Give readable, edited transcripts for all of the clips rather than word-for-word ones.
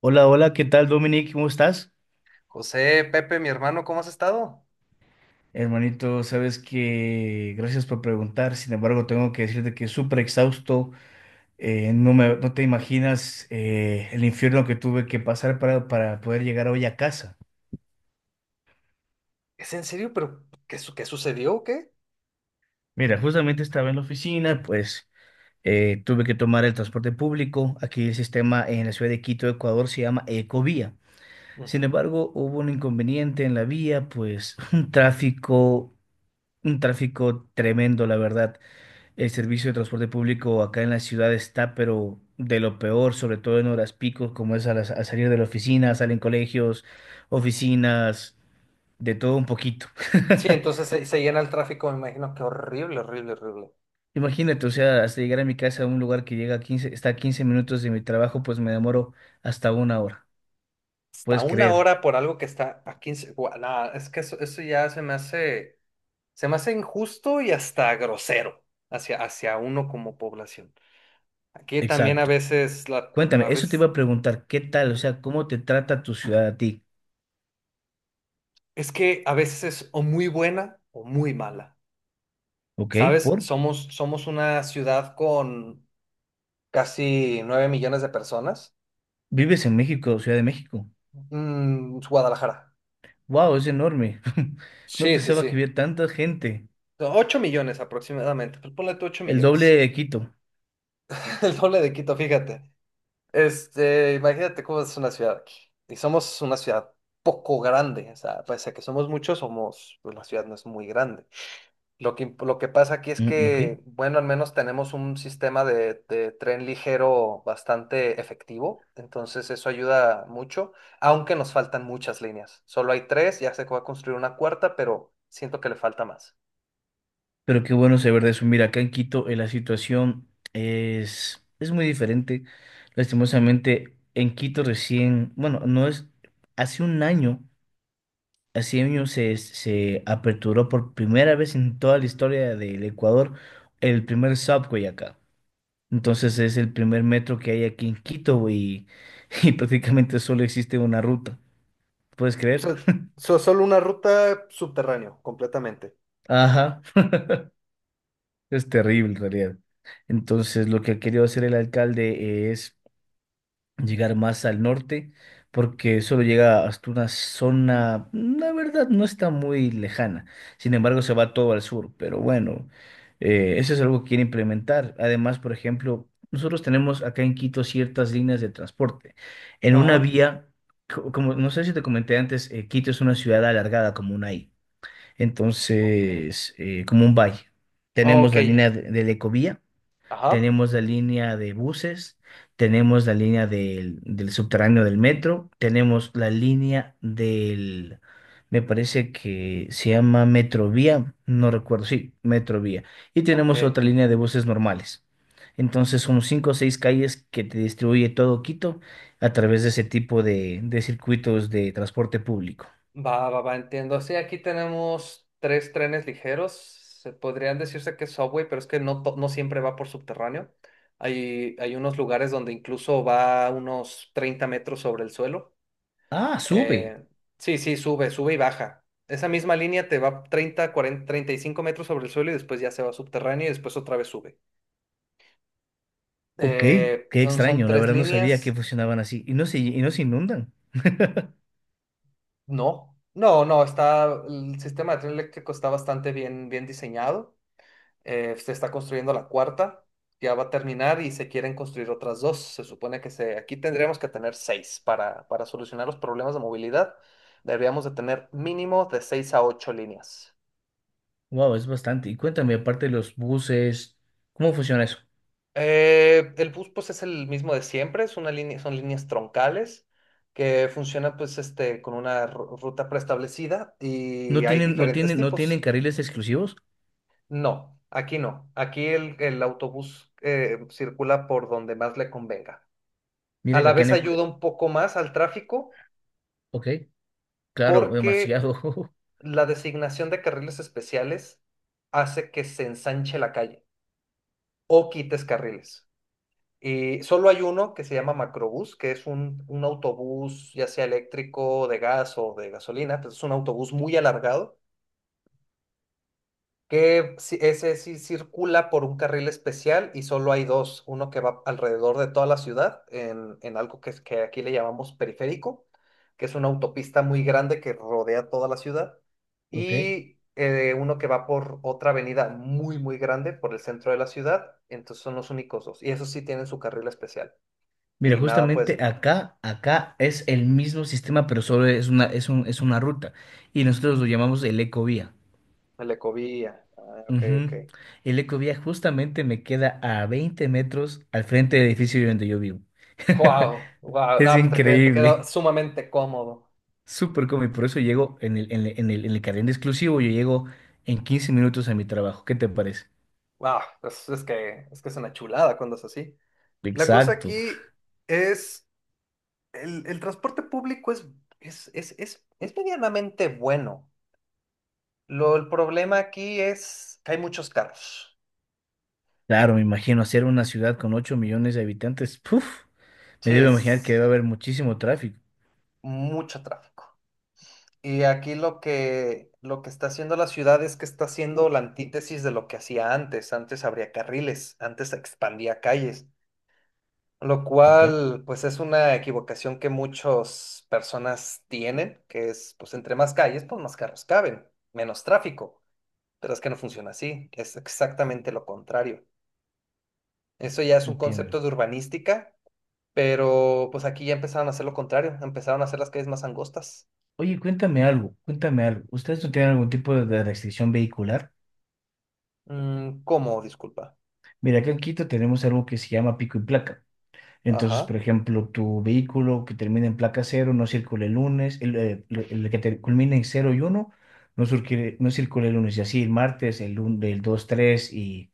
Hola, hola, ¿qué tal, Dominic? ¿Cómo estás? José, Pepe, mi hermano, ¿cómo has estado? Hermanito, sabes que gracias por preguntar. Sin embargo, tengo que decirte que es súper exhausto. No te imaginas el infierno que tuve que pasar para poder llegar hoy a casa. ¿Es en serio? ¿Pero qué sucedió o qué? Mira, justamente estaba en la oficina, pues tuve que tomar el transporte público. Aquí el sistema en la ciudad de Quito, Ecuador, se llama Ecovía. Sin Ujú. embargo, hubo un inconveniente en la vía, pues un tráfico tremendo, la verdad. El servicio de transporte público acá en la ciudad está, pero de lo peor, sobre todo en horas picos, como es al salir de la oficina, salen colegios, oficinas, de todo un poquito. Sí, entonces se llena el tráfico, me imagino que horrible, horrible, horrible. Imagínate, o sea, hasta llegar a mi casa a un lugar que llega a 15 está a 15 minutos de mi trabajo, pues me demoro hasta una hora. Hasta Puedes una creer. hora por algo que está a 15. Nah, es que eso ya se me hace injusto y hasta grosero hacia, hacia uno como población. Aquí también a Exacto. veces, la, a Cuéntame, eso te iba veces, a preguntar, ¿qué tal? O sea, ¿cómo te trata tu ciudad a ti? es que a veces es o muy buena o muy mala. ¿Ok? ¿Sabes? ¿Por? Somos, somos una ciudad con casi 9 millones de personas. ¿Vives en México, Ciudad de México? Guadalajara. ¡Wow! Es enorme. No Sí, sí, pensaba sí. que hubiera tanta gente. 8 millones aproximadamente. Pues ponle tú ocho El doble millones. de Quito. El doble de Quito, fíjate. Este, imagínate cómo es una ciudad aquí. Y somos una ciudad poco grande. O sea, pese a que somos muchos, somos, pues la ciudad no es muy grande. Lo que pasa aquí es Mm, ok. que, bueno, al menos tenemos un sistema de tren ligero bastante efectivo, entonces eso ayuda mucho, aunque nos faltan muchas líneas. Solo hay tres, ya se va a construir una cuarta, pero siento que le falta más. Pero qué bueno saber de eso. Mira, acá en Quito la situación es muy diferente. Lastimosamente, en Quito recién, bueno, no es, hace un año, hace años se aperturó por primera vez en toda la historia del Ecuador el primer subway acá. Entonces es el primer metro que hay aquí en Quito y prácticamente solo existe una ruta. ¿Puedes O creer? sea, solo una ruta subterránea, completamente. Ajá. Es terrible en realidad. Entonces, lo que ha querido hacer el alcalde es llegar más al norte, porque solo llega hasta una zona, la verdad, no está muy lejana. Sin embargo, se va todo al sur. Pero bueno, eso es algo que quiere implementar. Además, por ejemplo, nosotros tenemos acá en Quito ciertas líneas de transporte. En una Ajá. vía, como no sé si te comenté antes, Quito es una ciudad alargada como una I. Ok. Entonces, como un valle. Tenemos Ok. la línea de la Ecovía, Ajá. tenemos la línea de buses, tenemos la línea del subterráneo del metro, tenemos la línea me parece que se llama Metrovía, no recuerdo, sí, Metrovía. Y Ok. tenemos otra línea de buses normales. Entonces son cinco o seis calles que te distribuye todo Quito a través de ese tipo de circuitos de transporte público. Va, va, va, entiendo. Sí, aquí tenemos tres trenes ligeros. Se podrían decirse que es subway, pero es que no, no siempre va por subterráneo. Hay unos lugares donde incluso va unos 30 metros sobre el suelo. Ah, sube. Eh, sí, sí, sube, sube y baja. Esa misma línea te va 30 40 35 metros sobre el suelo y después ya se va subterráneo y después otra vez sube. Ok, qué Son, son extraño, la tres verdad no sabía que líneas. funcionaban así y no se inundan. No, no, no, está, el sistema de tren eléctrico está bastante bien, bien diseñado. Se está construyendo la cuarta, ya va a terminar y se quieren construir otras dos. Se supone que se, aquí tendríamos que tener seis para solucionar los problemas de movilidad. Deberíamos de tener mínimo de seis a ocho líneas. Wow, es bastante. Y cuéntame, aparte de los buses, ¿cómo funciona eso? El bus pues es el mismo de siempre, es una línea, son líneas troncales que funcionan pues este, con una ruta preestablecida y ¿No hay tienen, no diferentes tienen, no tienen tipos. carriles exclusivos? No, aquí no. Aquí el autobús circula por donde más le convenga. A Mira que la acá en vez ayuda el— un poco más al tráfico Ok, claro, porque demasiado. la designación de carriles especiales hace que se ensanche la calle o quites carriles. Y solo hay uno que se llama macrobús, que es un autobús ya sea eléctrico, de gas o de gasolina, pues es un autobús muy alargado que ese sí circula por un carril especial y solo hay dos, uno que va alrededor de toda la ciudad en algo que, que aquí le llamamos periférico, que es una autopista muy grande que rodea toda la ciudad, Ok. y uno que va por otra avenida muy, muy grande por el centro de la ciudad, entonces son los únicos dos, y esos sí tienen su carril especial, Mira, y nada, pues justamente acá es el mismo sistema, pero solo es una ruta. Y nosotros lo llamamos el Ecovía. el Ecovía, ah, ok, Ujú. ok. El Ecovía justamente me queda a 20 metros al frente del edificio donde yo vivo. Wow, wow, Es no, pues te, te queda increíble, sumamente cómodo. súper cómodo. Y por eso llego en el carril exclusivo, yo llego en 15 minutos a mi trabajo. ¿Qué te parece? Wow, es que, es que es una chulada cuando es así. La cosa Exacto. aquí es, el transporte público es medianamente bueno. Lo, el problema aquí es que hay muchos carros. Claro, me imagino hacer una ciudad con 8 millones de habitantes. Puf, me Sí, debo imaginar que es debe haber muchísimo tráfico. mucho tráfico. Y aquí lo que está haciendo la ciudad es que está haciendo la antítesis de lo que hacía antes. Antes abría carriles, antes expandía calles. Lo Ok, cual, pues es una equivocación que muchas personas tienen, que es, pues entre más calles, pues más carros caben, menos tráfico. Pero es que no funciona así, es exactamente lo contrario. Eso ya es un entiendo. concepto de urbanística, pero pues aquí ya empezaron a hacer lo contrario, empezaron a hacer las calles más angostas. Oye, cuéntame algo, cuéntame algo. ¿Ustedes no tienen algún tipo de restricción vehicular? Mm, ¿cómo? Disculpa. Mira, acá en Quito tenemos algo que se llama pico y placa. Entonces, por Ajá. ejemplo, tu vehículo que termina en placa cero no circula el lunes, culmina en cero y uno no, no circula el lunes, y así el martes, el 2 3 y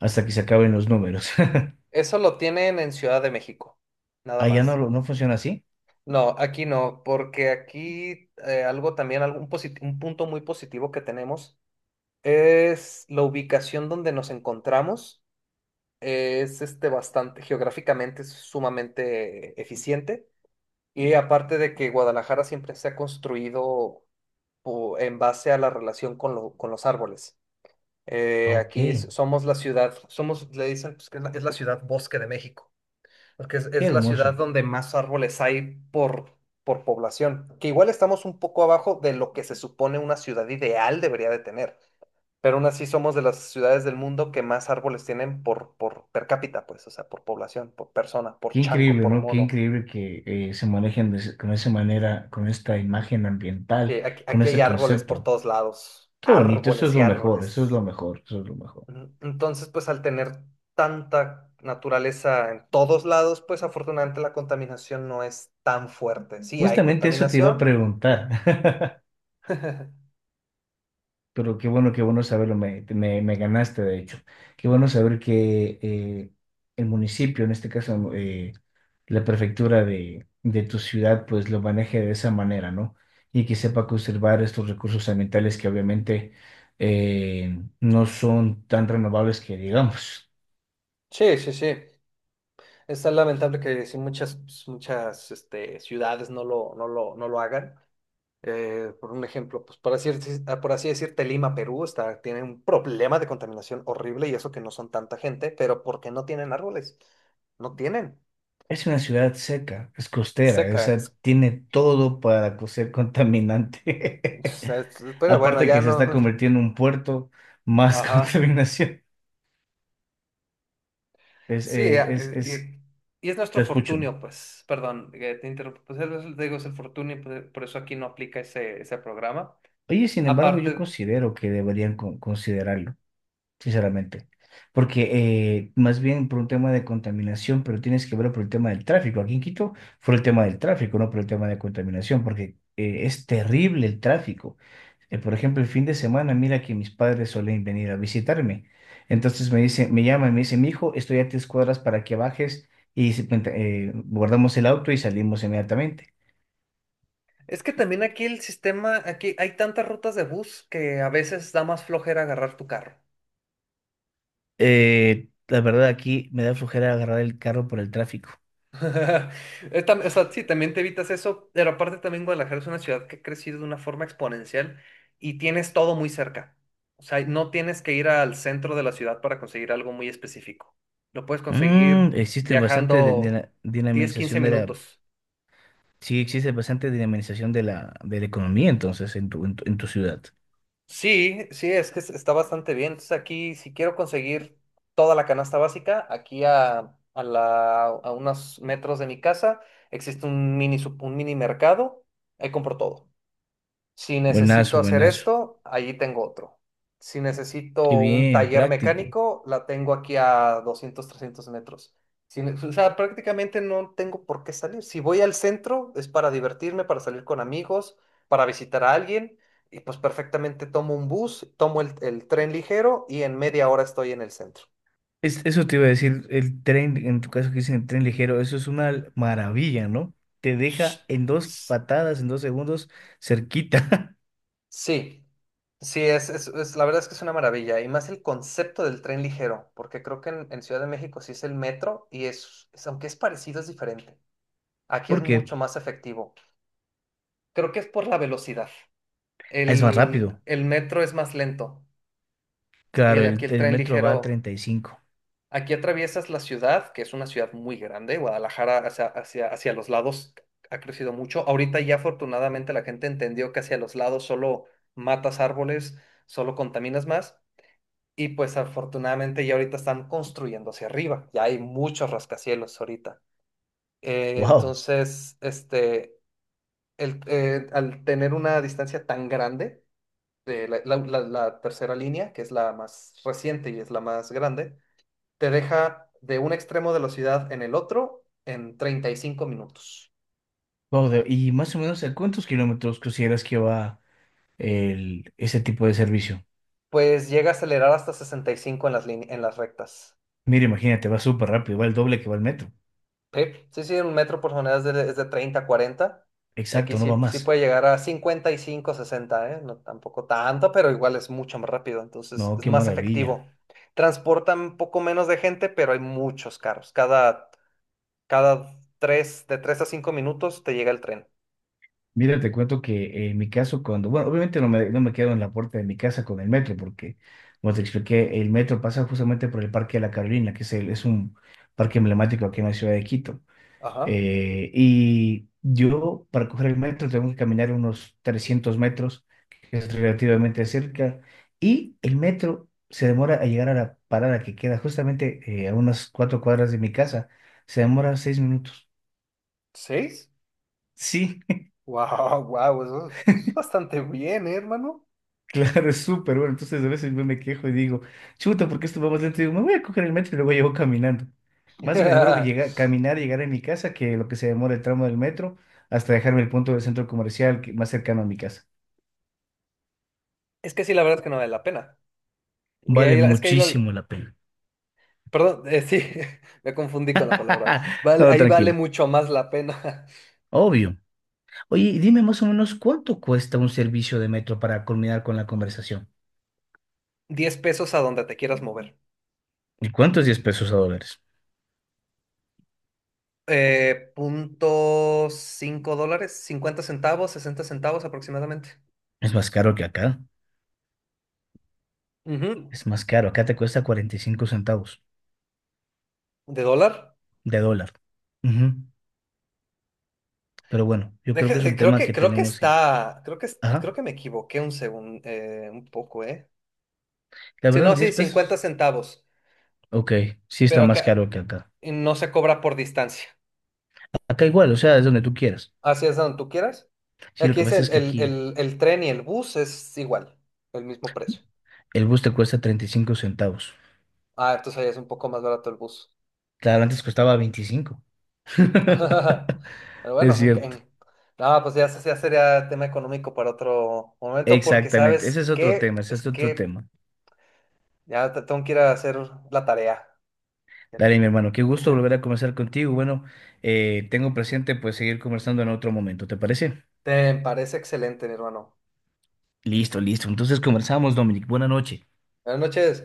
hasta que se acaben los números. Eso lo tienen en Ciudad de México, nada Allá no, más. No funciona así. No, aquí no, porque aquí algo también, un punto muy positivo que tenemos es la ubicación donde nos encontramos. Es este bastante, geográficamente es sumamente eficiente. Y aparte de que Guadalajara siempre se ha construido en base a la relación con, con los árboles. Ok, Aquí qué somos la ciudad, somos, le dicen pues, que es la ciudad bosque de México, porque es la ciudad hermoso. donde más árboles hay por población, que igual estamos un poco abajo de lo que se supone una ciudad ideal debería de tener pero aún así somos de las ciudades del mundo que más árboles tienen por per cápita, pues, o sea, por población, por persona, Qué por chango, increíble, por ¿no? Qué mono. increíble que se manejen con esa manera, con esta imagen ambiental, Aquí, con aquí hay ese árboles por concepto. todos lados, Qué bonito, eso es árboles y lo mejor, eso es árboles. lo mejor, eso es lo mejor. Ujú. Entonces, pues al tener tanta naturaleza en todos lados, pues afortunadamente la contaminación no es tan fuerte. Sí, hay Justamente eso te iba a contaminación. preguntar. Pero qué bueno saberlo, me ganaste de hecho. Qué bueno saber que el municipio, en este caso la prefectura de tu ciudad, pues lo maneje de esa manera, ¿no? Y que sepa conservar estos recursos ambientales que obviamente no son tan renovables que digamos. Sí, sí, sí. Es tan lamentable que sí muchas, muchas este, ciudades no lo hagan. Por un ejemplo, pues por así decirte, Lima, Perú, está, tiene un problema de contaminación horrible y eso que no son tanta gente, pero porque no tienen árboles, no tienen, Es una ciudad seca, es costera, seca, esa tiene todo para ser contaminante. Es- pero bueno, Aparte ya que se está no. convirtiendo en un puerto, más Ajá. contaminación. Es, Sí, es, ya, es, es- y es te nuestro escucho. fortunio, pues, perdón, te interrumpo, pues te digo, es el fortunio, pues, por eso aquí no aplica ese, ese programa. Oye, sin embargo, yo Aparte, considero que deberían considerarlo, sinceramente. Porque más bien por un tema de contaminación, pero tienes que verlo por el tema del tráfico. Aquí en Quito fue el tema del tráfico, no por el tema de contaminación, porque es terrible el tráfico. Por ejemplo, el fin de semana, mira que mis padres suelen venir a visitarme. Entonces me dicen, me llaman, me dicen, mi hijo, estoy a 3 cuadras para que bajes y guardamos el auto y salimos inmediatamente. es que también aquí el sistema, aquí hay tantas rutas de bus que a veces da más flojera agarrar tu carro. La verdad, aquí me da flojera agarrar el carro por el tráfico. O sea, sí, también te evitas eso, pero aparte también Guadalajara es una ciudad que ha crecido de una forma exponencial y tienes todo muy cerca. O sea, no tienes que ir al centro de la ciudad para conseguir algo muy específico. Lo puedes conseguir Existe bastante de viajando la 10, 15 dinamización de la— minutos. Sí, existe bastante dinamización de la economía, entonces, en tu ciudad. Sí, sí, es que está bastante bien. Entonces aquí, si quiero conseguir toda la canasta básica, aquí a, la, a unos metros de mi casa existe un un mini mercado, ahí compro todo. Si necesito Buenazo, hacer buenazo. esto, allí tengo otro. Si Qué necesito un bien, taller práctico. mecánico, la tengo aquí a 200 300 metros. Si ne- O sea, prácticamente no tengo por qué salir. Si voy al centro, es para divertirme, para salir con amigos, para visitar a alguien, y pues perfectamente tomo un bus, tomo el tren ligero y en media hora estoy en el centro. Eso te iba a decir, el tren, en tu caso que dicen el tren ligero, eso es una maravilla, ¿no? Te deja en dos patadas, en 2 segundos, cerquita. Sí, sí, es, la verdad es que es una maravilla. Y más el concepto del tren ligero, porque creo que en Ciudad de México sí es el metro y es, aunque es parecido, es diferente. Aquí es Porque— mucho más efectivo. Creo que es por la velocidad. Es más rápido. El metro es más lento y Claro, el, aquí el, el el tren metro va a ligero, 35. aquí atraviesas la ciudad, que es una ciudad muy grande. Guadalajara hacia, hacia, hacia los lados ha crecido mucho. Ahorita ya afortunadamente la gente entendió que hacia los lados solo matas árboles, solo contaminas más. Y pues afortunadamente ya ahorita están construyendo hacia arriba, ya hay muchos rascacielos ahorita. ¡Wow! Entonces, este, el, al tener una distancia tan grande, de la, la tercera línea, que es la más reciente y es la más grande, te deja de un extremo de la ciudad en el otro en 35 minutos. Wow, y más o menos, ¿a cuántos kilómetros consideras que va ese tipo de servicio? Pues llega a acelerar hasta 65 en las, en las rectas. Mira, imagínate, va súper rápido, va el doble que va el metro. Sí, sí, sí, un metro por tonelada es de 30 a 40. Y aquí Exacto, no va sí, sí más. puede llegar a 55, 60, ¿eh? No tampoco tanto, pero igual es mucho más rápido. Entonces No, es qué más maravilla. efectivo. Transportan un poco menos de gente, pero hay muchos carros. Cada, cada 3 de 3 a 5 minutos te llega el tren. Mira, te cuento que en mi caso, cuando, bueno, obviamente no me quedo en la puerta de mi casa con el metro, porque, como te expliqué, el metro pasa justamente por el Parque de la Carolina, es un parque emblemático aquí en la ciudad de Quito. Ajá. Y yo, para coger el metro, tengo que caminar unos 300 metros, que es relativamente cerca. Y el metro se demora a llegar a la parada que queda justamente a unas 4 cuadras de mi casa. Se demora 6 minutos. ¿Seis? Sí, Wow, wow, eso es bastante bien, ¿eh, hermano? claro, es súper bueno. Entonces, a veces yo me quejo y digo, chuta, ¿por qué esto va más lento? Y digo, me voy a coger el metro y luego llevo caminando. Más me demoro que llegar, caminar y llegar a mi casa que lo que se demora el tramo del metro hasta dejarme el punto del centro comercial más cercano a mi casa. Es que sí, la verdad es que no vale la pena. Vale Es que ahí la, muchísimo la pena. perdón, sí, me confundí con la palabra. Vale, No, ahí vale tranquilo, mucho más la pena. obvio. Oye, y dime más o menos cuánto cuesta un servicio de metro para culminar con la conversación. 10 pesos a donde te quieras mover. ¿Y cuánto es 10 pesos a dólares? Punto cinco dólares, 50 centavos, 60 centavos aproximadamente. Es más caro que acá. Ujú. Es más caro. Acá te cuesta 45 centavos ¿De dólar? de dólar. Ujú. Pero bueno, yo creo que es un Creo tema que, que creo que tenemos que— está, creo que, creo Ajá. que me equivoqué un segundo, un poco, ¿eh? La Sí, verdad, no, sí, 10 50 pesos. centavos, Ok, sí está pero más acá caro que acá. no se cobra por distancia. Acá igual, o sea, es donde tú quieras. Así es donde tú quieras. Sí, lo Aquí que es pasa es que aquí el tren y el bus, es igual, el mismo precio. el bus te cuesta 35 centavos. Ah, entonces ahí es un poco más barato el bus. Claro, antes costaba 25. Pero Es bueno, cierto. en- no, pues ya, ya sería tema económico para otro momento, porque Exactamente. Ese ¿sabes es otro tema, qué? ese Es es otro que tema. ya tengo que ir a hacer la tarea. Dale, mi hermano, qué gusto volver a conversar contigo. Bueno, tengo presente pues seguir conversando en otro momento, ¿te parece? Te parece excelente, mi hermano. Listo, listo. Entonces conversamos, Dominic. Buenas noches. Buenas noches.